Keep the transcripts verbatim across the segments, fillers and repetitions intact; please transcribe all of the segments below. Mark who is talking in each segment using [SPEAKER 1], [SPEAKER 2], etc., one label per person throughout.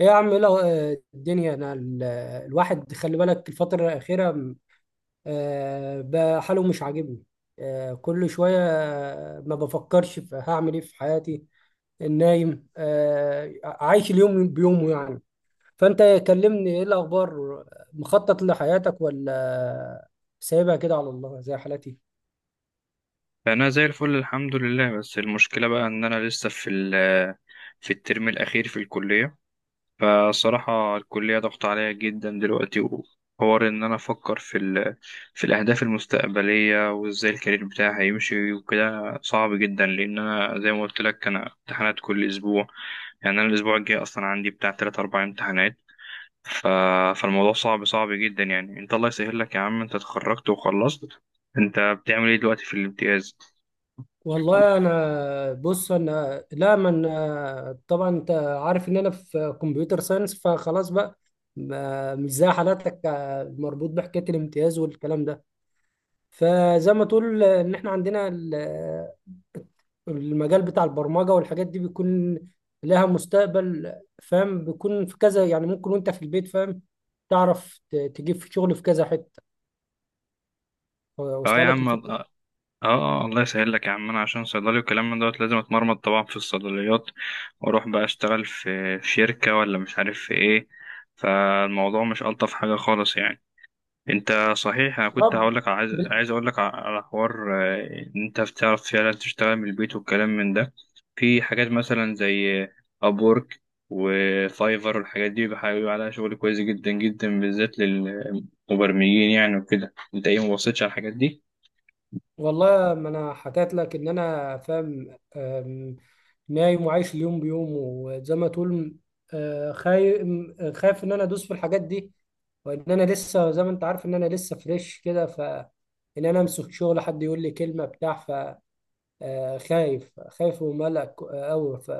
[SPEAKER 1] ايه يا عم، ايه الأخ- آه، الدنيا، انا ال- آه، الواحد خلي بالك الفترة الأخيرة م، آه، بقى حاله مش عاجبني. آه، كل شوية آه، ما بفكرش في هعمل ايه في حياتي. النايم، آه، عايش اليوم بيومه يعني. فأنت كلمني، ايه الأخبار؟ مخطط لحياتك ولا سايبها كده على الله زي حالتي؟
[SPEAKER 2] انا زي الفل الحمد لله. بس المشكله بقى ان انا لسه في ال- في الترم الاخير في الكليه. فصراحه الكليه ضغط عليا جدا دلوقتي، وحوار ان انا افكر في ال... في الاهداف المستقبليه، وازاي الكارير بتاعي هيمشي وكده، صعب جدا، لان انا زي ما قلت لك، انا امتحانات كل اسبوع. يعني انا الاسبوع الجاي اصلا عندي بتاع ثلاثة أربعة امتحانات. ف... فالموضوع صعب صعب جدا يعني. انت الله يسهل لك يا عم، انت اتخرجت وخلصت، انت بتعمل ايه دلوقتي في الامتياز؟
[SPEAKER 1] والله انا بص، انا لا من، طبعا انت عارف ان انا في كمبيوتر ساينس، فخلاص بقى ما- مش زي حالاتك، آه، مربوط بحكايه الامتياز والكلام ده. فزي ما تقول آه، ان احنا عندنا ال- المجال بتاع البرمجه والحاجات دي بيكون لها مستقبل، فاهم؟ بيكون في كذا يعني، ممكن وانت في البيت، فاهم؟ تعرف ت- تجيب في شغل في كذا حته.
[SPEAKER 2] اه
[SPEAKER 1] واصله
[SPEAKER 2] يا
[SPEAKER 1] لك
[SPEAKER 2] عم
[SPEAKER 1] الفكره؟
[SPEAKER 2] اه. اه الله يسهل لك يا عم. انا عشان صيدلي وكلام من دوت لازم اتمرمط طبعا في الصيدليات، واروح بقى اشتغل في في شركة ولا مش عارف في ايه. فالموضوع مش الطف حاجة خالص يعني. انت صحيح انا كنت
[SPEAKER 1] طب
[SPEAKER 2] هقول لك، عايز عايز اقول لك على حوار، آه، ان انت بتعرف فعلا تشتغل من البيت والكلام من ده. في حاجات مثلا زي ابورك وفايفر والحاجات دي، بيبقى بيبقى عليها شغل كويس جدا جدا بالذات للمبرمجين يعني وكده. انت ايه مبصيتش على الحاجات دي؟
[SPEAKER 1] والله ما انا حكيت لك ان انا فاهم. أم، نايم وعايش اليوم بيوم، وزي ما تقول أه، خايف، خايف ان انا ادوس في الحاجات دي. وان انا لسه زي ما انت عارف ان انا لسه فريش كده، ف ان انا امسك شغل حد يقول لي كلمه بتاع، ف آه، خايف خايف وملك قوي، ف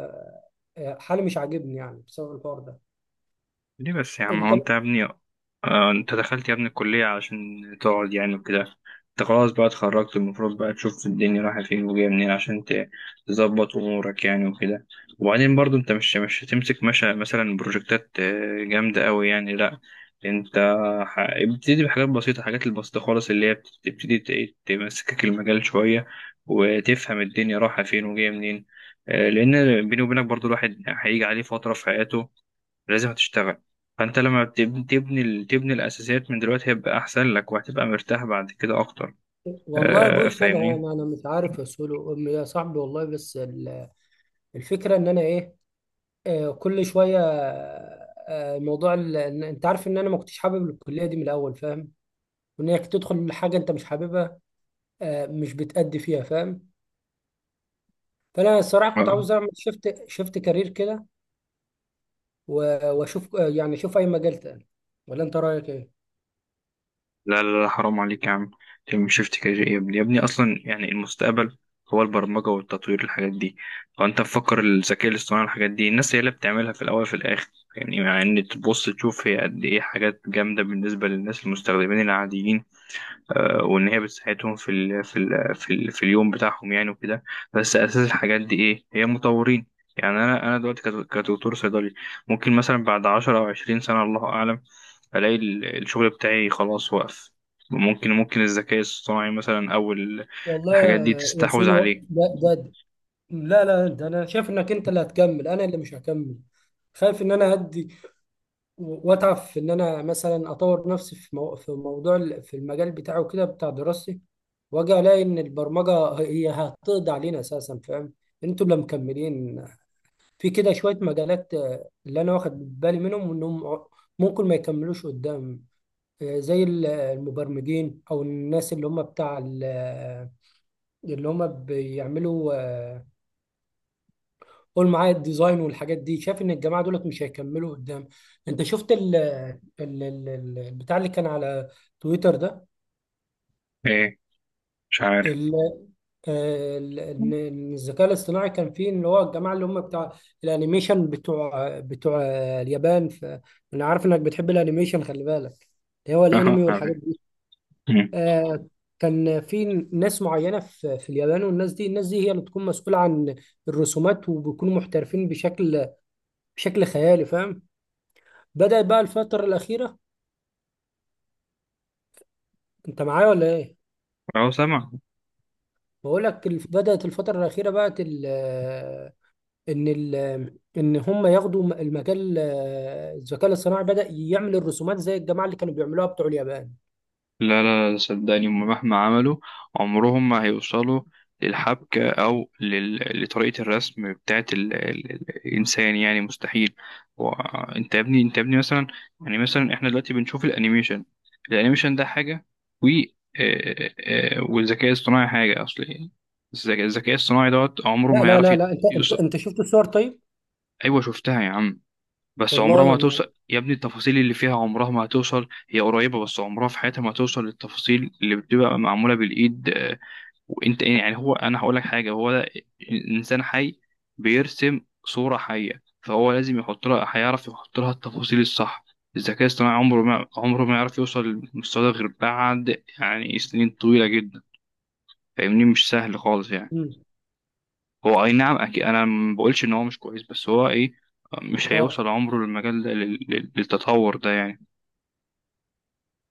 [SPEAKER 1] آه، حالي مش عاجبني يعني بسبب الحوار ده.
[SPEAKER 2] ليه بس يا عم؟
[SPEAKER 1] انت.
[SPEAKER 2] هو انت يا ابني، آه انت دخلت يا ابني الكلية عشان تقعد يعني وكده؟ انت خلاص بقى اتخرجت، المفروض بقى تشوف الدنيا رايحة فين وجاية منين، عشان ت- تظبط امورك يعني وكده. وبعدين برضو انت مش مش هتمسك مشا مثلا بروجكتات آه، جامدة قوي يعني، لا. انت ح- ابتدي بحاجات بسيطة. الحاجات البسيطة خالص اللي هي بتبتدي ت- تمسكك المجال شوية، وتفهم الدنيا رايحة فين وجاية منين. آه، لأن بيني وبينك برضو، الواحد هيجي عليه فترة في حياته لازم تشتغل. فانت لما بتب- تبني ال- تبني الاساسيات من دلوقتي، هيبقى احسن لك، وهتبقى مرتاح بعد كده اكتر.
[SPEAKER 1] والله
[SPEAKER 2] آه
[SPEAKER 1] بص، انا
[SPEAKER 2] فاهمني.
[SPEAKER 1] انا أنا مش عارف يا سولو. أم- يا صاحبي والله، بس ال- الفكره ان انا ايه، آه، كل شويه آه، موضوع ال... إن- انت عارف ان انا ما كنتش حابب الكليه دي من الاول، فاهم؟ وانك تدخل حاجه انت مش حاببها، آه، مش بتأدي فيها، فاهم؟ فانا الصراحه كنت
[SPEAKER 2] آه.
[SPEAKER 1] عاوز اعمل، شفت شفت كارير كده، و- واشوف آه، يعني اشوف اي مجال تاني. ولا انت رايك ايه؟
[SPEAKER 2] لا لا لا حرام عليك يا عم، تعمل شيفت كارير يا ابني؟ يا ابني اصلا يعني المستقبل هو البرمجه والتطوير، الحاجات دي. فانت مفكر الذكاء الاصطناعي الحاجات دي، الناس هي اللي بتعملها في الاول وفي الاخر. يعني مع ان تبص تشوف هي قد ايه حاجات جامده بالنسبه للناس المستخدمين العاديين، آه، وان هي بتساعدهم في ال في ال في, ال في اليوم بتاعهم يعني وكده. بس اساس الحاجات دي ايه؟ هي مطورين. يعني انا انا دلوقتي كد- كدكتور صيدلي، ممكن مثلا بعد عشرة او عشرين سنة الله اعلم، الاقي ال- الشغل بتاعي خلاص وقف. ممكن ممكن الذكاء الصناعي مثلا او ال-
[SPEAKER 1] والله
[SPEAKER 2] الحاجات دي
[SPEAKER 1] يا يا
[SPEAKER 2] تستحوذ
[SPEAKER 1] سولو،
[SPEAKER 2] عليه.
[SPEAKER 1] ده ده ده- لا لا، ده انا شايف انك انت اللي هتكمل، انا اللي مش هكمل. خايف ان انا هدي واتعب في ان انا مثلا اطور نفسي في مو... في موضوع ال- في المجال بتاعه كده بتاع دراستي، واجي الاقي ان البرمجه هي هتقضي علينا اساسا، فاهم؟ انتوا اللي مكملين. في كده شويه مجالات آه، اللي انا واخد بالي منهم انهم ع- ممكن ما يكملوش قدام. آه، زي ال- المبرمجين او الناس اللي هم بتاع ال- اللي هم بيعملوا، قول معايا، الديزاين والحاجات دي، شايف ان الجماعه دولت مش هيكملوا قدام. انت شفت ال ال- ال- ال- البتاع اللي كان على تويتر ده؟
[SPEAKER 2] ايه؟ مش عارف.
[SPEAKER 1] ال- آه، ال- ان إن الذكاء الاصطناعي كان فيه اللي هو الجماعه اللي هم بتاع الانيميشن بتوع بتوع اليابان. ف انا عارف انك بتحب الانيميشن، خلي بالك، اللي هو الانمي
[SPEAKER 2] اه عارف.
[SPEAKER 1] والحاجات دي.
[SPEAKER 2] أمم.
[SPEAKER 1] آه، كان في ناس معينه في في اليابان، والناس دي، الناس دي هي اللي بتكون مسؤوله عن الرسومات، وبيكونوا محترفين بشكل بشكل خيالي، فاهم؟ بدأت بقى الفترة الأخيرة. أنت معايا ولا إيه؟
[SPEAKER 2] اهو سامع.
[SPEAKER 1] بقول لك الف- بدأت الفترة الأخيرة بقى ال- إن ال- إن هم ياخدوا م- المجال، آه، الذكاء الاصطناعي بدأ يعمل الرسومات زي الجماعة اللي كانوا بيعملوها بتوع اليابان.
[SPEAKER 2] لا لا لا صدقني، هما مهما عملوا عمرهم ما هيوصلوا للحبكة أو لل... لطريقة الرسم بتاعت ال... ال... الإنسان، يعني مستحيل. وأنت يا ابني، أنت يا ابني مثلا، يعني مثلا إحنا دلوقتي بنشوف الأنيميشن الأنيميشن ده حاجة، و آه، آه، والذكاء الصناعي حاجة، أصل إيه؟ الذكاء الذكاء الصناعي دوت عمره
[SPEAKER 1] لا
[SPEAKER 2] ما
[SPEAKER 1] لا
[SPEAKER 2] هيعرف
[SPEAKER 1] لا
[SPEAKER 2] يت-
[SPEAKER 1] لا، أنت أنت
[SPEAKER 2] يوصل.
[SPEAKER 1] أنت شفت الصور طيب؟
[SPEAKER 2] أيوة شفتها يا عم، بس عمرها
[SPEAKER 1] والله
[SPEAKER 2] ما
[SPEAKER 1] أنا.
[SPEAKER 2] هتوصل يا ابني. التفاصيل اللي فيها عمرها ما هتوصل. هي قريبة، بس عمرها في حياتها ما هتوصل للتفاصيل اللي بتبقى معمولة بالإيد. آه، وانت إيه، يعني هو أنا هقول لك حاجة. هو ده إنسان حي بيرسم صورة حية، فهو لازم يحط لها، هيعرف يحط لها التفاصيل الصح. الذكاء الاصطناعي عمره ما عمره ما يعرف يوصل للمستوى ده غير بعد يعني سنين طويلة جدا. فاهمني؟ مش سهل خالص يعني.
[SPEAKER 1] مم.
[SPEAKER 2] هو اي نعم اكيد، انا ما بقولش ان هو مش كويس، بس هو ايه؟ مش
[SPEAKER 1] آه.
[SPEAKER 2] هيوصل عمره للمجال ده- لل- لل- للتطور ده يعني.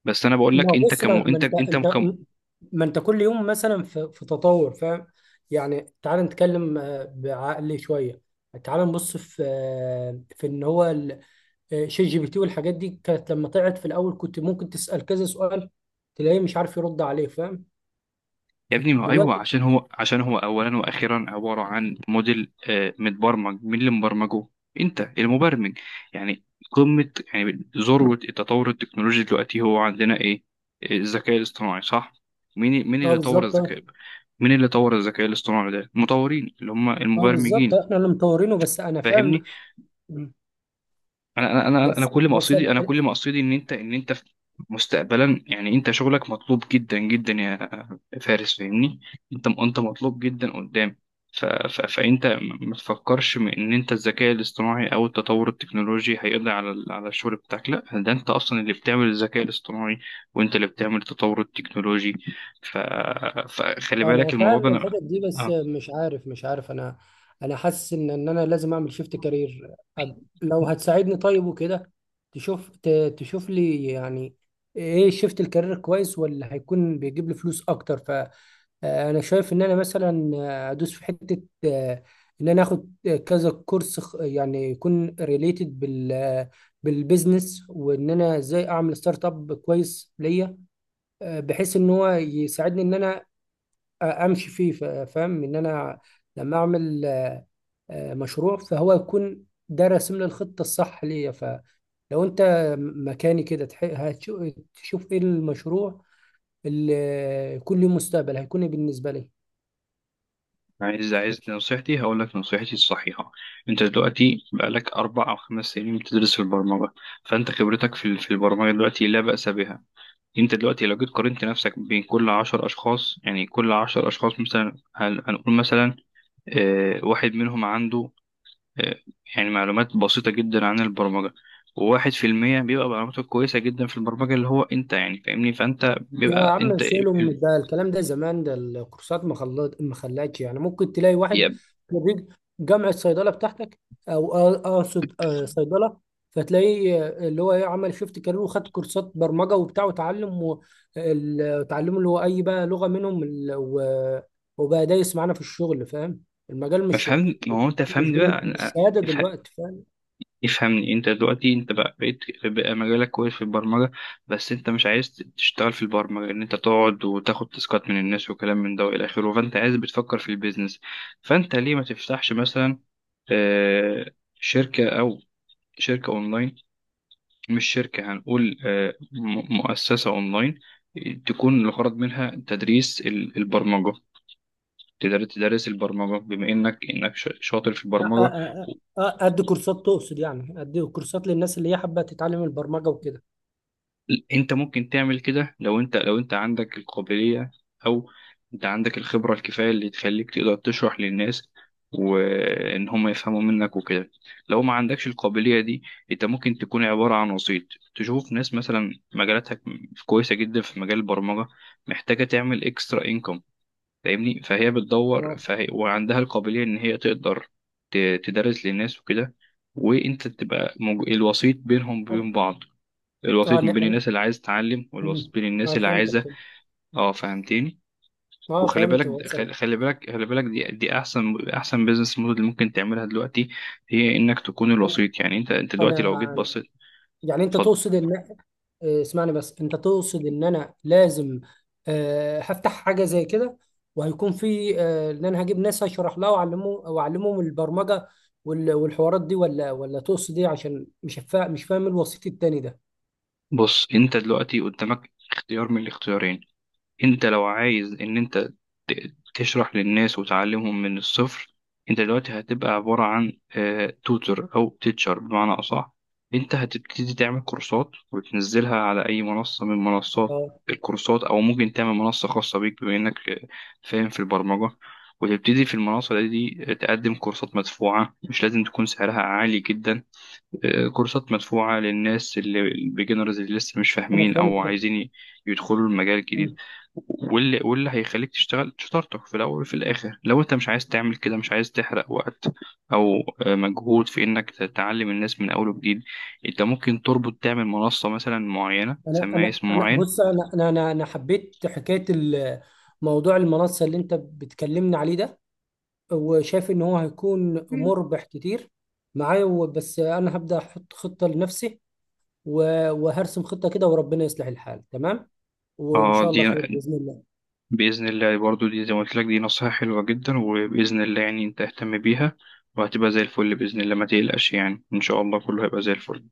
[SPEAKER 2] بس انا بقول لك
[SPEAKER 1] ما
[SPEAKER 2] انت
[SPEAKER 1] بص، ما,
[SPEAKER 2] كم،
[SPEAKER 1] ما
[SPEAKER 2] انت انت
[SPEAKER 1] أنت
[SPEAKER 2] كم
[SPEAKER 1] أنت، ما أنت كل يوم مثلا في، في تطور، فاهم؟ يعني تعال نتكلم آه، بعقل شوية. تعال نبص في آه، في إن هو آه، شات جي بي تي والحاجات دي، كانت لما طلعت في الاول كنت ممكن تسال كذا سؤال تلاقيه مش عارف يرد عليه، فاهم؟
[SPEAKER 2] يا ابني. ما هو ايوه،
[SPEAKER 1] دلوقتي.
[SPEAKER 2] عشان هو عشان هو اولا واخيرا عباره عن موديل آه، متبرمج. مين اللي مبرمجه؟ انت المبرمج. يعني قمه، يعني ذروه التطور التكنولوجي دلوقتي هو عندنا ايه؟ الذكاء الاصطناعي، صح؟ مين مين
[SPEAKER 1] اه
[SPEAKER 2] اللي طور
[SPEAKER 1] بالظبط، اه.
[SPEAKER 2] الذكاء؟ مين اللي طور الذكاء الاصطناعي ده؟ المطورين، اللي هم
[SPEAKER 1] اه بالظبط،
[SPEAKER 2] المبرمجين.
[SPEAKER 1] احنا اللي مطورينه، بس انا
[SPEAKER 2] فاهمني؟
[SPEAKER 1] فاهم.
[SPEAKER 2] انا انا انا أنا
[SPEAKER 1] بس
[SPEAKER 2] كل
[SPEAKER 1] بس
[SPEAKER 2] مقصدي، انا كل مقصدي ان انت، ان انت في- مستقبلا، يعني انت شغلك مطلوب جدا جدا يا فارس، فاهمني؟ انت انت مطلوب جدا قدام. ف... ف... فانت م- ما تفكرش م- ان انت الذكاء الاصطناعي او التطور التكنولوجي هيقضي على ال- على الشغل بتاعك، لا. ده انت اصلا اللي بتعمل الذكاء الاصطناعي، وانت اللي بتعمل التطور التكنولوجي. ف... فخلي
[SPEAKER 1] انا
[SPEAKER 2] بالك الموضوع
[SPEAKER 1] فاهم
[SPEAKER 2] ده. أنا...
[SPEAKER 1] الحتت دي، بس
[SPEAKER 2] آه.
[SPEAKER 1] مش عارف، مش عارف انا، انا حاسس ان ان انا لازم اعمل شيفت كارير. لو هتساعدني، طيب وكده، تشوف ت- تشوف لي يعني ايه شيفت الكارير كويس، ولا هيكون بيجيب لي فلوس اكتر. فانا شايف ان انا مثلا ادوس في حتة، آه، ان انا اخد كذا كورس خ- يعني يكون ريليتد بال بالبيزنس، وان انا ازاي اعمل ستارت اب كويس ليا، آه، بحيث ان هو يساعدني ان انا امشي فيه، ف- فاهم؟ ان انا لما اعمل آه، آه، مشروع، فهو يكون ده راسم لي الخطه الصح ليا. فلو انت مكاني كده، تح- هتشو- تشوف ايه المشروع اللي يكون له مستقبل، هيكون إيه بالنسبه لي.
[SPEAKER 2] عايز عايز نصيحتي؟ هقول لك نصيحتي الصحيحة. انت دلوقتي بقالك اربع او خمس سنين بتدرس البرمجة، فانت خبرتك في ال- في البرمجة دلوقتي لا بأس بها. انت دلوقتي لو جيت قارنت نفسك بين كل عشر اشخاص، يعني كل عشر اشخاص مثلا، هن- هنقول مثلا آه، واحد منهم عنده آه، يعني معلومات بسيطة جدا عن البرمجة، وواحد في المية بيبقى معلوماته كويسة جدا في البرمجة، اللي هو انت يعني، فاهمني؟ فانت
[SPEAKER 1] يا
[SPEAKER 2] بيبقى
[SPEAKER 1] عم
[SPEAKER 2] انت
[SPEAKER 1] شيلهم ده الكلام ده، زمان ده الكورسات ما خلت، ما خلتش يعني ممكن تلاقي واحد
[SPEAKER 2] يا
[SPEAKER 1] خريج جامعة صيدلة بتاعتك، او أ- اقصد آه، صيدلة، فتلاقيه آه، اللي هو ايه، عمل شيفت كارير وخد كورسات برمجة وبتاع وتعلم، و- ال- وتعلمه اللي هو اي بقى لغة منهم ال- و- وبقى دايس معانا في الشغل، فاهم؟ المجال
[SPEAKER 2] ما
[SPEAKER 1] مش،
[SPEAKER 2] فهمني. ما هو انت
[SPEAKER 1] مش
[SPEAKER 2] فهمني
[SPEAKER 1] بال-
[SPEAKER 2] بقى.
[SPEAKER 1] بالشهادة دلوقتي، فاهم؟
[SPEAKER 2] افهمني. انت دلوقتي انت بقى بقيت، بقى مجالك كويس في البرمجة، بس انت مش عايز تشتغل في البرمجة ان انت تقعد وتاخد تاسكات من الناس وكلام من ده والى اخره. فانت عايز، بتفكر في البيزنس. فانت ليه ما تفتحش مثلا آه، شركة، او شركة اونلاين؟ مش شركة، هنقول آه، م- مؤسسة اونلاين، تكون الغرض منها تدريس ال- البرمجة. تقدر تدرس البرمجة بما انك انك ش- شاطر في
[SPEAKER 1] أ- أ-
[SPEAKER 2] البرمجة.
[SPEAKER 1] أ- أ- ادي كورسات تقصد يعني؟ ادي كورسات للناس اللي هي حابة تتعلم البرمجة وكده؟
[SPEAKER 2] انت ممكن تعمل كده لو انت، لو انت عندك القابلية، او انت عندك الخبرة الكفاية اللي تخليك تقدر تشرح للناس وان هم يفهموا منك وكده. لو ما عندكش القابلية دي، انت ممكن تكون عبارة عن وسيط. تشوف ناس مثلا مجالاتها كويسة جدا في مجال البرمجة، محتاجة تعمل اكسترا انكم، فاهمني؟ فهي بتدور،
[SPEAKER 1] اه،
[SPEAKER 2] فهي وعندها القابلية ان هي تقدر ت- تدرس للناس وكده، وانت تبقى موج- الوسيط بينهم وبين بعض.
[SPEAKER 1] اه،
[SPEAKER 2] الوسيط
[SPEAKER 1] إن
[SPEAKER 2] ما بين
[SPEAKER 1] إحنا-
[SPEAKER 2] الناس اللي عايز تتعلم،
[SPEAKER 1] مم.
[SPEAKER 2] والوسيط بين الناس
[SPEAKER 1] اه
[SPEAKER 2] اللي
[SPEAKER 1] فهمتك.
[SPEAKER 2] عايزه. اه فهمتني.
[SPEAKER 1] اه
[SPEAKER 2] وخلي
[SPEAKER 1] فهمت،
[SPEAKER 2] بالك،
[SPEAKER 1] وصل.
[SPEAKER 2] خلي خلي بالك خلي بالك دي دي احسن احسن بيزنس موديل اللي ممكن تعملها دلوقتي، هي انك تكون الوسيط. يعني انت، انت
[SPEAKER 1] انا
[SPEAKER 2] دلوقتي لو جيت
[SPEAKER 1] أنا-
[SPEAKER 2] بصيت.
[SPEAKER 1] يعني انت
[SPEAKER 2] اتفضل.
[SPEAKER 1] تقصد ان آه، اسمعني بس، انت تقصد ان انا لازم آه، هفتح حاجه زي كده، وهيكون في آه، ان انا هجيب ناس هشرح لها واعلمهم واعلمهم البرمجه وال- والحوارات دي، ولا ولا تقصد ايه؟ عشان مش فا... مش فاهم الوسيط التاني ده.
[SPEAKER 2] بص، انت دلوقتي قدامك اختيار من الاختيارين. انت لو عايز ان انت ت- تشرح للناس وتعلمهم من الصفر، انت دلوقتي هتبقى عبارة عن توتر، او تيتشر بمعنى اصح. انت هتبتدي تعمل كورسات وتنزلها على اي منصة من منصات
[SPEAKER 1] اه
[SPEAKER 2] الكورسات، او ممكن تعمل منصة خاصة بيك بما انك آه، فاهم في البرمجة، وتبتدي في المنصة دي آه، تقدم كورسات مدفوعة، مش لازم تكون سعرها عالي جدا. كورسات مدفوعة للناس اللي البيجنرز، اللي لسه مش
[SPEAKER 1] انا
[SPEAKER 2] فاهمين أو
[SPEAKER 1] فهمت.
[SPEAKER 2] عايزين ي- يدخلوا المجال الجديد.
[SPEAKER 1] مم.
[SPEAKER 2] واللي واللي هيخليك تشتغل شطارتك في الأول وفي الآخر، لو أنت مش عايز تعمل كده، مش عايز تحرق وقت أو آه، مجهود في إنك تتعلم الناس من أول وجديد، أنت ممكن تربط، تعمل منصة مثلا معينة
[SPEAKER 1] انا
[SPEAKER 2] تسميها
[SPEAKER 1] انا
[SPEAKER 2] اسم
[SPEAKER 1] انا
[SPEAKER 2] معين.
[SPEAKER 1] بص، انا انا انا أنا حبيت حكايه ال- موضوع المنصه اللي انت بتكلمني عليه ده، وشايف ان هو هيكون
[SPEAKER 2] مم.
[SPEAKER 1] مربح كتير معايا. و- بس انا هبدأ احط خطة لنفسي، و- وهرسم خطة كده، وربنا يصلح الحال، تمام، وان
[SPEAKER 2] اه
[SPEAKER 1] شاء
[SPEAKER 2] دي
[SPEAKER 1] الله خير بإذن الله.
[SPEAKER 2] بإذن الله، برضو دي زي ما قلت لك، دي نصيحة حلوة جدا، وبإذن الله يعني أنت اهتم بيها وهتبقى زي الفل بإذن الله. ما تقلقش يعني، إن شاء الله كله هيبقى زي الفل.